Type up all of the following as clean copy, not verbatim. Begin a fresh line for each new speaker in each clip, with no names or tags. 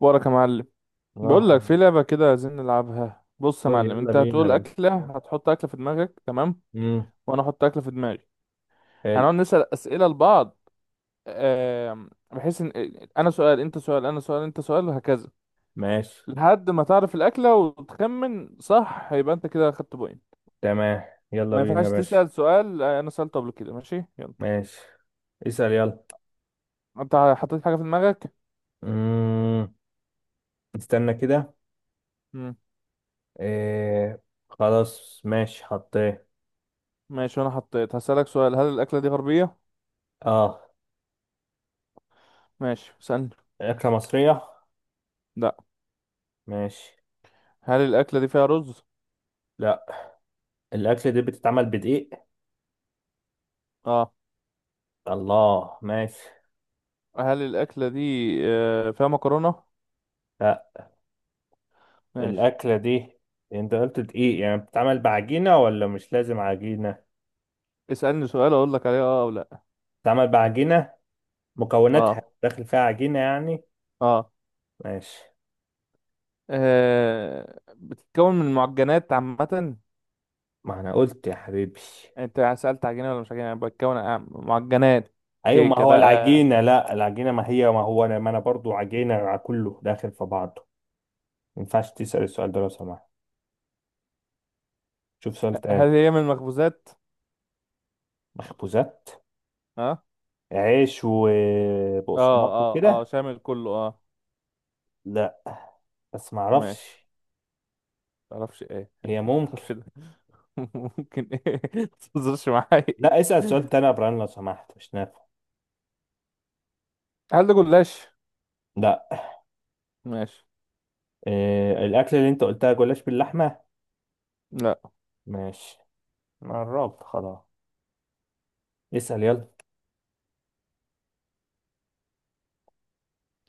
وراك يا معلم. بقول لك
اه.
في لعبة كده عايزين نلعبها. بص يا
قول
معلم،
يلا
انت
بينا يا
هتقول
باشا.
أكلة، هتحط أكلة في دماغك، تمام.
امم
وانا احط أكلة في دماغي.
حلو.
هنقعد نسأل أسئلة لبعض بحيث ان انا سؤال انت سؤال انا سؤال انت سؤال وهكذا.
ماشي.
لحد ما تعرف الأكلة وتخمن صح يبقى انت كده خدت بوينت.
تمام. يلا
ما
بينا يا
ينفعش
باشا.
تسأل سؤال انا سألته قبل كده. ماشي يلا.
ماشي، اسأل يلا.
انت حطيت حاجة في دماغك؟
امم استنى كده.
مم.
إيه. خلاص ماشي، حطيه.
ماشي وانا حطيت. هسألك سؤال، هل الأكلة دي غربية؟
اه.
ماشي اسألني.
أكلة مصرية؟
لا.
ماشي.
هل الأكلة دي فيها رز؟
لا. الأكلة دي بتتعمل بدقيق.
اه.
الله، ماشي.
هل الأكلة دي فيها مكرونة؟
لا.
ماشي.
الأكلة دي انت قلت دقيق، يعني بتتعمل بعجينة ولا مش لازم عجينة؟
اسألني سؤال أقول لك عليه أه أو لأ.
بتتعمل بعجينة. مكوناتها
أه،
داخل فيها عجينة يعني.
أه.
ماشي.
بتتكون من معجنات عامة يعني؟
ما انا قلت يا حبيبي.
أنت سألت عجينة ولا مش عجينة، يعني بتتكون معجنات.
ايوه ما
كيكة
هو
بقى؟
العجينه، لا العجينه ما هي ما هو انا ما انا برضو عجينه على كله داخل في بعضه. ما ينفعش تسال السؤال ده لو سمحت. شوف سؤال تاني.
هل هي من المخبوزات؟
مخبوزات؟
أه.
عيش
أه
وبقسماط
أه، أه
وكده.
شامل كله، أه.
لا، بس ما
ماشي.
اعرفش.
متعرفش إيه؟
هي ممكن.
متعرفش ده؟ ممكن إيه؟ متهزرش معايا.
لا، اسال سؤال تاني يا ابراهيم لو سمحت، مش نافع.
هل ده جلاش؟
لا.
ماشي.
إيه الاكل اللي انت قلتها؟ جلاش باللحمه؟
لأ.
ماشي. أنا قربت خلاص. اسال يلا.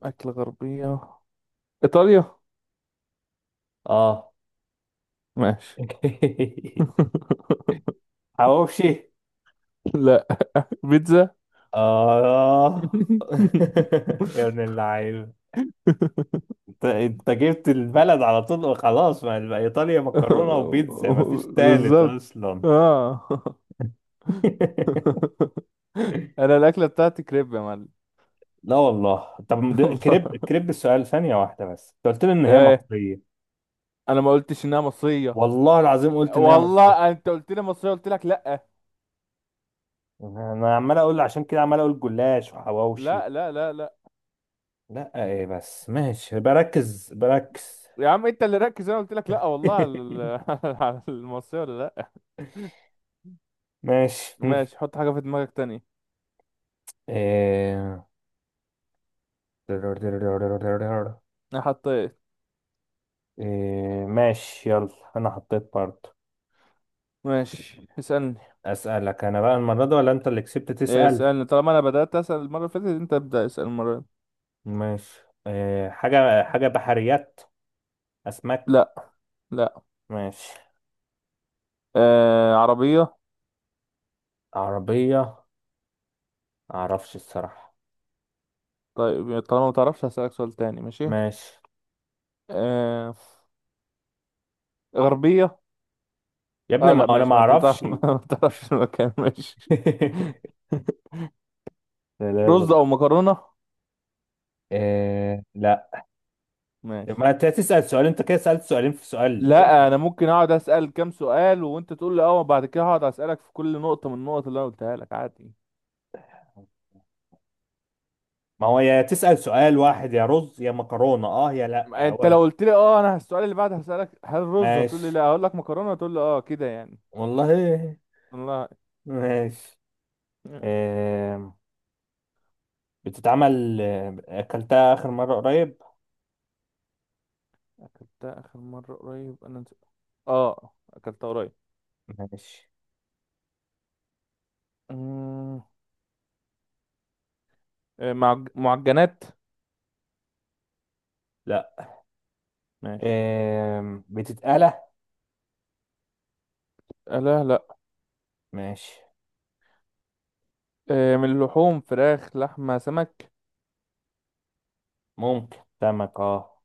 أكل غربية؟ إيطاليا؟
اه.
ماشي.
حواوشي؟
لا. بيتزا.
آه. يا ابن اللعيب، انت جبت البلد على طول، وخلاص، ما يبقى ايطاليا مكرونه وبيتزا، ما فيش تالت
بالظبط،
اصلا.
اه. انا الاكله بتاعتي كريب يا معلم.
لا والله، طب ده- كريب
والله؟
كريب السؤال ثانيه واحده بس، انت قلت لي ان هي
ايه،
مصريه.
انا ما قلتش انها مصريه.
والله العظيم قلت ان هي مصريه.
والله انت قلت لي مصريه، قلت لك لا
انا عمال اقول، عشان كده عمال اقول جلاش وحواوشي.
لا لا لا لا
لا ايه بس ماشي، بركز بركز.
يا عم انت اللي ركز، انا قلت لك لا والله على على المصريه ولا لا.
ماشي.
ماشي، حط حاجه في دماغك تانية.
إيه.
انا حطيت.
إيه ماشي يلا. انا حطيت برضه.
ماشي اسالني.
اسالك انا بقى المره دي ولا انت اللي كسبت
إيه،
تسال؟
اسألني. طالما انا بدأت اسأل المرة اللي فاتت، انت ابدأ اسأل المرة دي.
ماشي. إيه، حاجه بحريات. اسماك؟
لا. لا.
ماشي.
آه، عربية.
عربيه؟ معرفش الصراحه.
طيب طالما ما تعرفش، هسألك سؤال تاني. ماشي.
ماشي.
آه، غربية.
يا ابني
اه
ما
لا
انا ما
ماشي، ما انت
اعرفش.
بتعرف. ما تعرفش المكان. ماشي.
لا، لا،
رز
لا.
او مكرونة؟
إيه لا.
ماشي.
ما انت تسال سؤال، انت كده سالت سؤالين في سؤال، ايه
لا،
ده؟
انا ممكن اقعد اسأل كام سؤال وانت تقول لي اه، وبعد كده هقعد اسألك في كل نقطة من النقط اللي انا قلتها لك عادي.
ما هو يا تسال سؤال واحد، يا رز يا مكرونه، اه يا لا
انت
هو.
لو قلت لي اه، انا السؤال اللي بعد هسألك هل رز، هتقول لي لا،
ماشي.
هقول لك مكرونة، هتقول لي اه، كده يعني.
والله.
الله.
ماشي. إيه. بتتعمل آه، أكلتها آخر مرة قريب.
أكلتها آخر مرة قريب؟ أنا نسيت. آه، أكلتها قريب.
ماشي.
أمم، معجنات؟
لا.
ماشي.
بتتقلى؟
آه لا لا.
ماشي.
آه، من اللحوم، فراخ، لحمة، سمك؟
ممكن سمك، اه.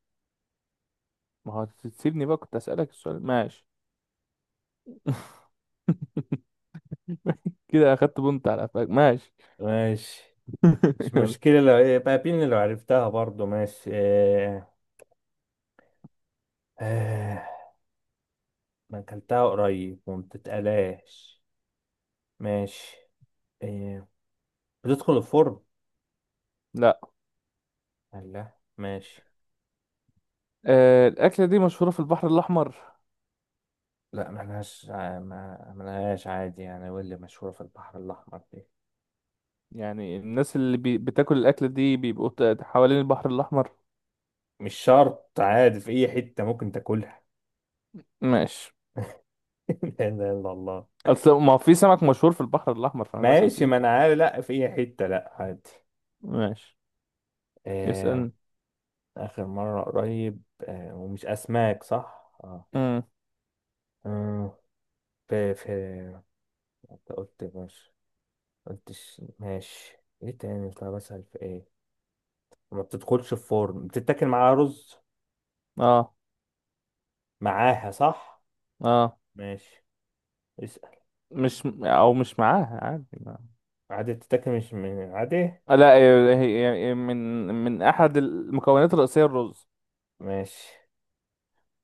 ما هو تسيبني بقى كنت أسألك السؤال، ماشي. كده أخدت بنت على قفاك، ماشي.
ماشي. مش
يلا.
مشكلة لو بقى بين، لو عرفتها برضو ماشي. آه، أنا أكلتها قريب وما بتتقلاش. ماشي. آه، بتدخل الفرن.
لا.
لا ماشي.
آه، الأكلة دي مشهورة في البحر الأحمر؟
لا ملهاش ملهاش عادي يعني، واللي مشهورة في البحر الأحمر دي
يعني الناس اللي بتاكل الأكلة دي بيبقوا حوالين البحر الأحمر.
مش شرط، عادي في أي حتة ممكن تاكلها.
ماشي.
لا اله الا الله.
أصل ما هو في سمك مشهور في البحر الأحمر، فأنا بسأل في
ماشي،
كده.
ما انا عارف، لا، في اي حته، لا عادي.
ماشي
آه.
اسألني.
اخر مره قريب، ومش اسماك صح، اه.
امم.
آه، في انت قلت ماشي، قلتش ماشي، ايه تاني؟ طب اسال في ايه؟ ما بتدخلش في فرن، بتتاكل معاها رز؟
اه.
معاها صح؟
اه،
ماشي، اسال.
مش او مش معاها عادي ما.
عادي بتتاكل، مش عادي.
آه، لا هي هي- هي من من احد المكونات الرئيسيه الرز.
ماشي.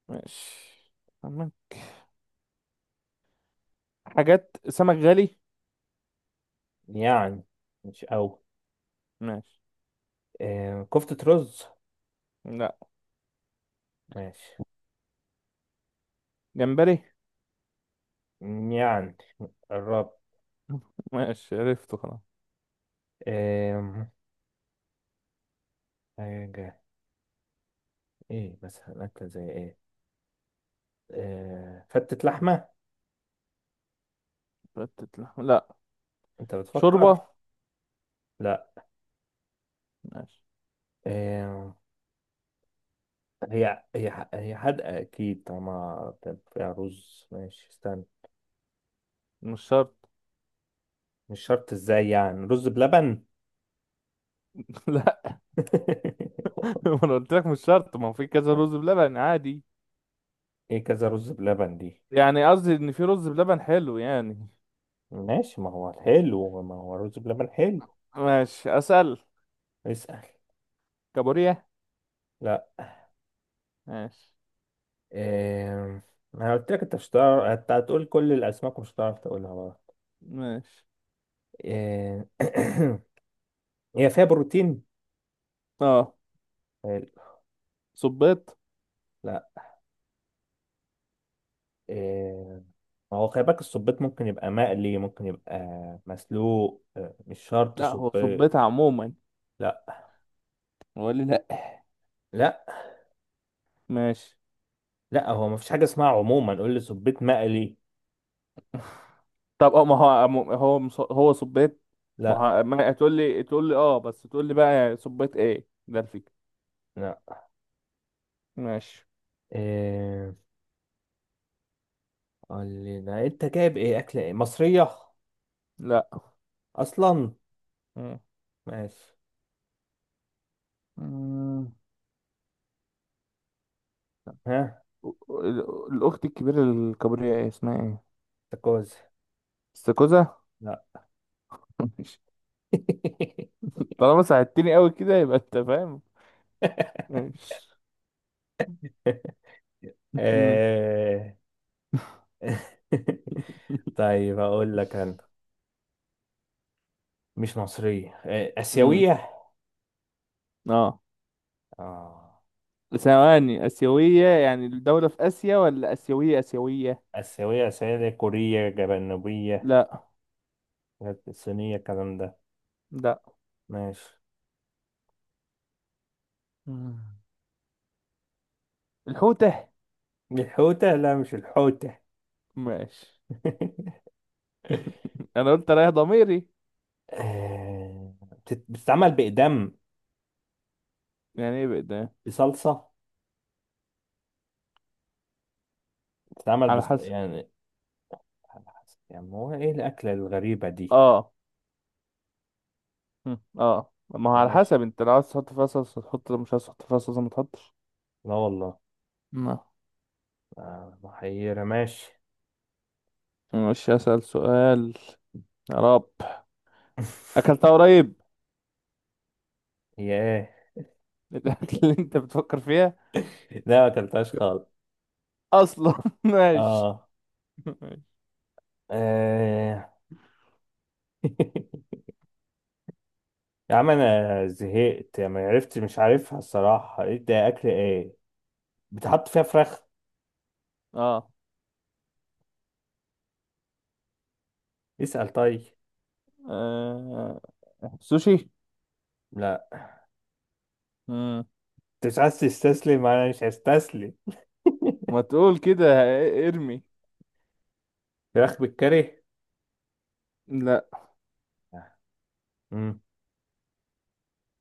ماشي. تمام. حاجات سمك غالي؟
يعني مش قوي.
ماشي.
كفتة رز؟
لا.
ماشي.
جمبري؟
يعني قربت.
ماشي، عرفته خلاص.
آه حاجة. ايه مثلا أكلة زي ايه؟ فتة لحمة؟
فتت لحم؟ لا.
انت
شوربه؟
بتفكر. لا.
ماشي.
آه هي حادقة اكيد طالما بتبقى فيها رز. ماشي استنى.
مش شرط.
مش شرط، ازاي يعني؟ رز بلبن؟
لا، ما انا قلت لك مش شرط. ما هو في كذا رز بلبن عادي،
ايه كذا رز بلبن دي؟
يعني قصدي ان في رز بلبن حلو يعني.
ماشي، ما هو حلو، ما هو رز بلبن حلو.
ماشي اسال.
اسأل.
كابوريا؟
لا.
ماشي.
آه انا قلت لك انت مش هتعرف، انت هتقول كل الاسماك ومش هتعرف تقولها بقى.
ماشي.
آه هي فيها بروتين.
اه.
حلو.
صبيط؟
لا. آه، ما هو خلي بالك، الصبيط ممكن يبقى مقلي، ممكن يبقى مسلوق، مش شرط
لا، هو صبيت
صبيط.
عموما
لا.
ولا لا؟
لا،
ماشي.
لا هو مفيش حاجة اسمها عموما، قول لي صبيط مقلي.
طب اه، ما هو هو هو صبيت؟ ما
لا.
هو ما تقول لي، تقول لي اه بس، تقول لي بقى صبيت ايه، ده الفكرة.
لا.
ماشي.
إيه؟ قول لي لا، انت جايب ايه، اكل ايه مصرية
لا.
اصلا؟
مم.
ماشي.
مم.
ها.
الاخت الكبيرة، الكبرياء، ايه اسمها ايه؟
تاكوز.
استاكوزا؟
لا.
ماشي. طالما ساعدتني قوي كده يبقى انت فاهم. ماشي. مم.
إيه. طيب اقول لك انا، مش مصرية، إيه،
مم.
اسيوية.
اه.
اه.
ثواني، اسيوية يعني الدولة في اسيا، ولا اسيوية اسيوية؟
آسيوية آسيوية دي، كورية جنوبية؟
لا.
حاجات الصينية الكلام ده؟
لا.
ماشي.
مم. الحوتة؟
الحوتة؟ لا مش الحوتة.
ماشي. انا قلت رايح ضميري.
بتتعمل بإقدام،
يعني ايه بقى؟
بصلصة.
على حسب.
يعني، يعني هو إيه الأكلة الغريبة دي؟
اه. مم. اه، ما هو على
ماشي.
حسب، انت لو عايز تحط فيها صلصة تحط، لو مش عايز تحط فيها صلصة ما تحطش.
لا والله.
ما.
محيرة ماشي.
مش اسأل سؤال. يا رب. اكلتها قريب.
هي. إيه.
الاكل اللي انت بتفكر فيها
لا ما أكلتهاش خالص.
اصلا. ماشي.
آه.
ماشي.
آه. يا عم أنا زهقت، يعني ما عرفت، مش عارفها الصراحة، إيه ده؟ أكل إيه؟ بتحط فيها فراخ؟
اه.
اسأل طيب.
آه، سوشي؟
لا.
مم.
انت مش عايز تستسلم، انا مش هستسلم.
ما تقول كده، ارمي.
فراخ بالكاري؟
لا،
امم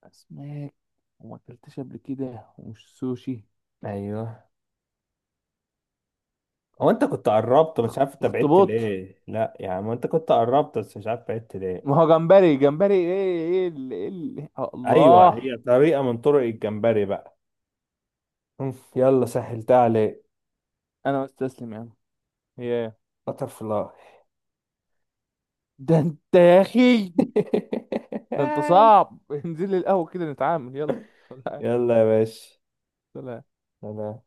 اسماك، وما اكلتش قبل كده، ومش سوشي.
ايوه. هو انت كنت قربت، مش عارف انت بعدت
اخطبوط؟
ليه، لا يعني ما انت كنت قربت بس مش عارف بعدت ليه.
ما هو جمبري جمبري، ايه، ايه ايه
ايوه،
الله.
هي طريقة من طرق الجمبري بقى. يلا سهلتها عليك.
انا مستسلم يا عم. ياه.
بتر فلاي.
ده انت يا اخي، ده انت صعب. انزل لي القهوة كده نتعامل، يلا. سلام.
يلا يا باشا.
سلام.
سلام.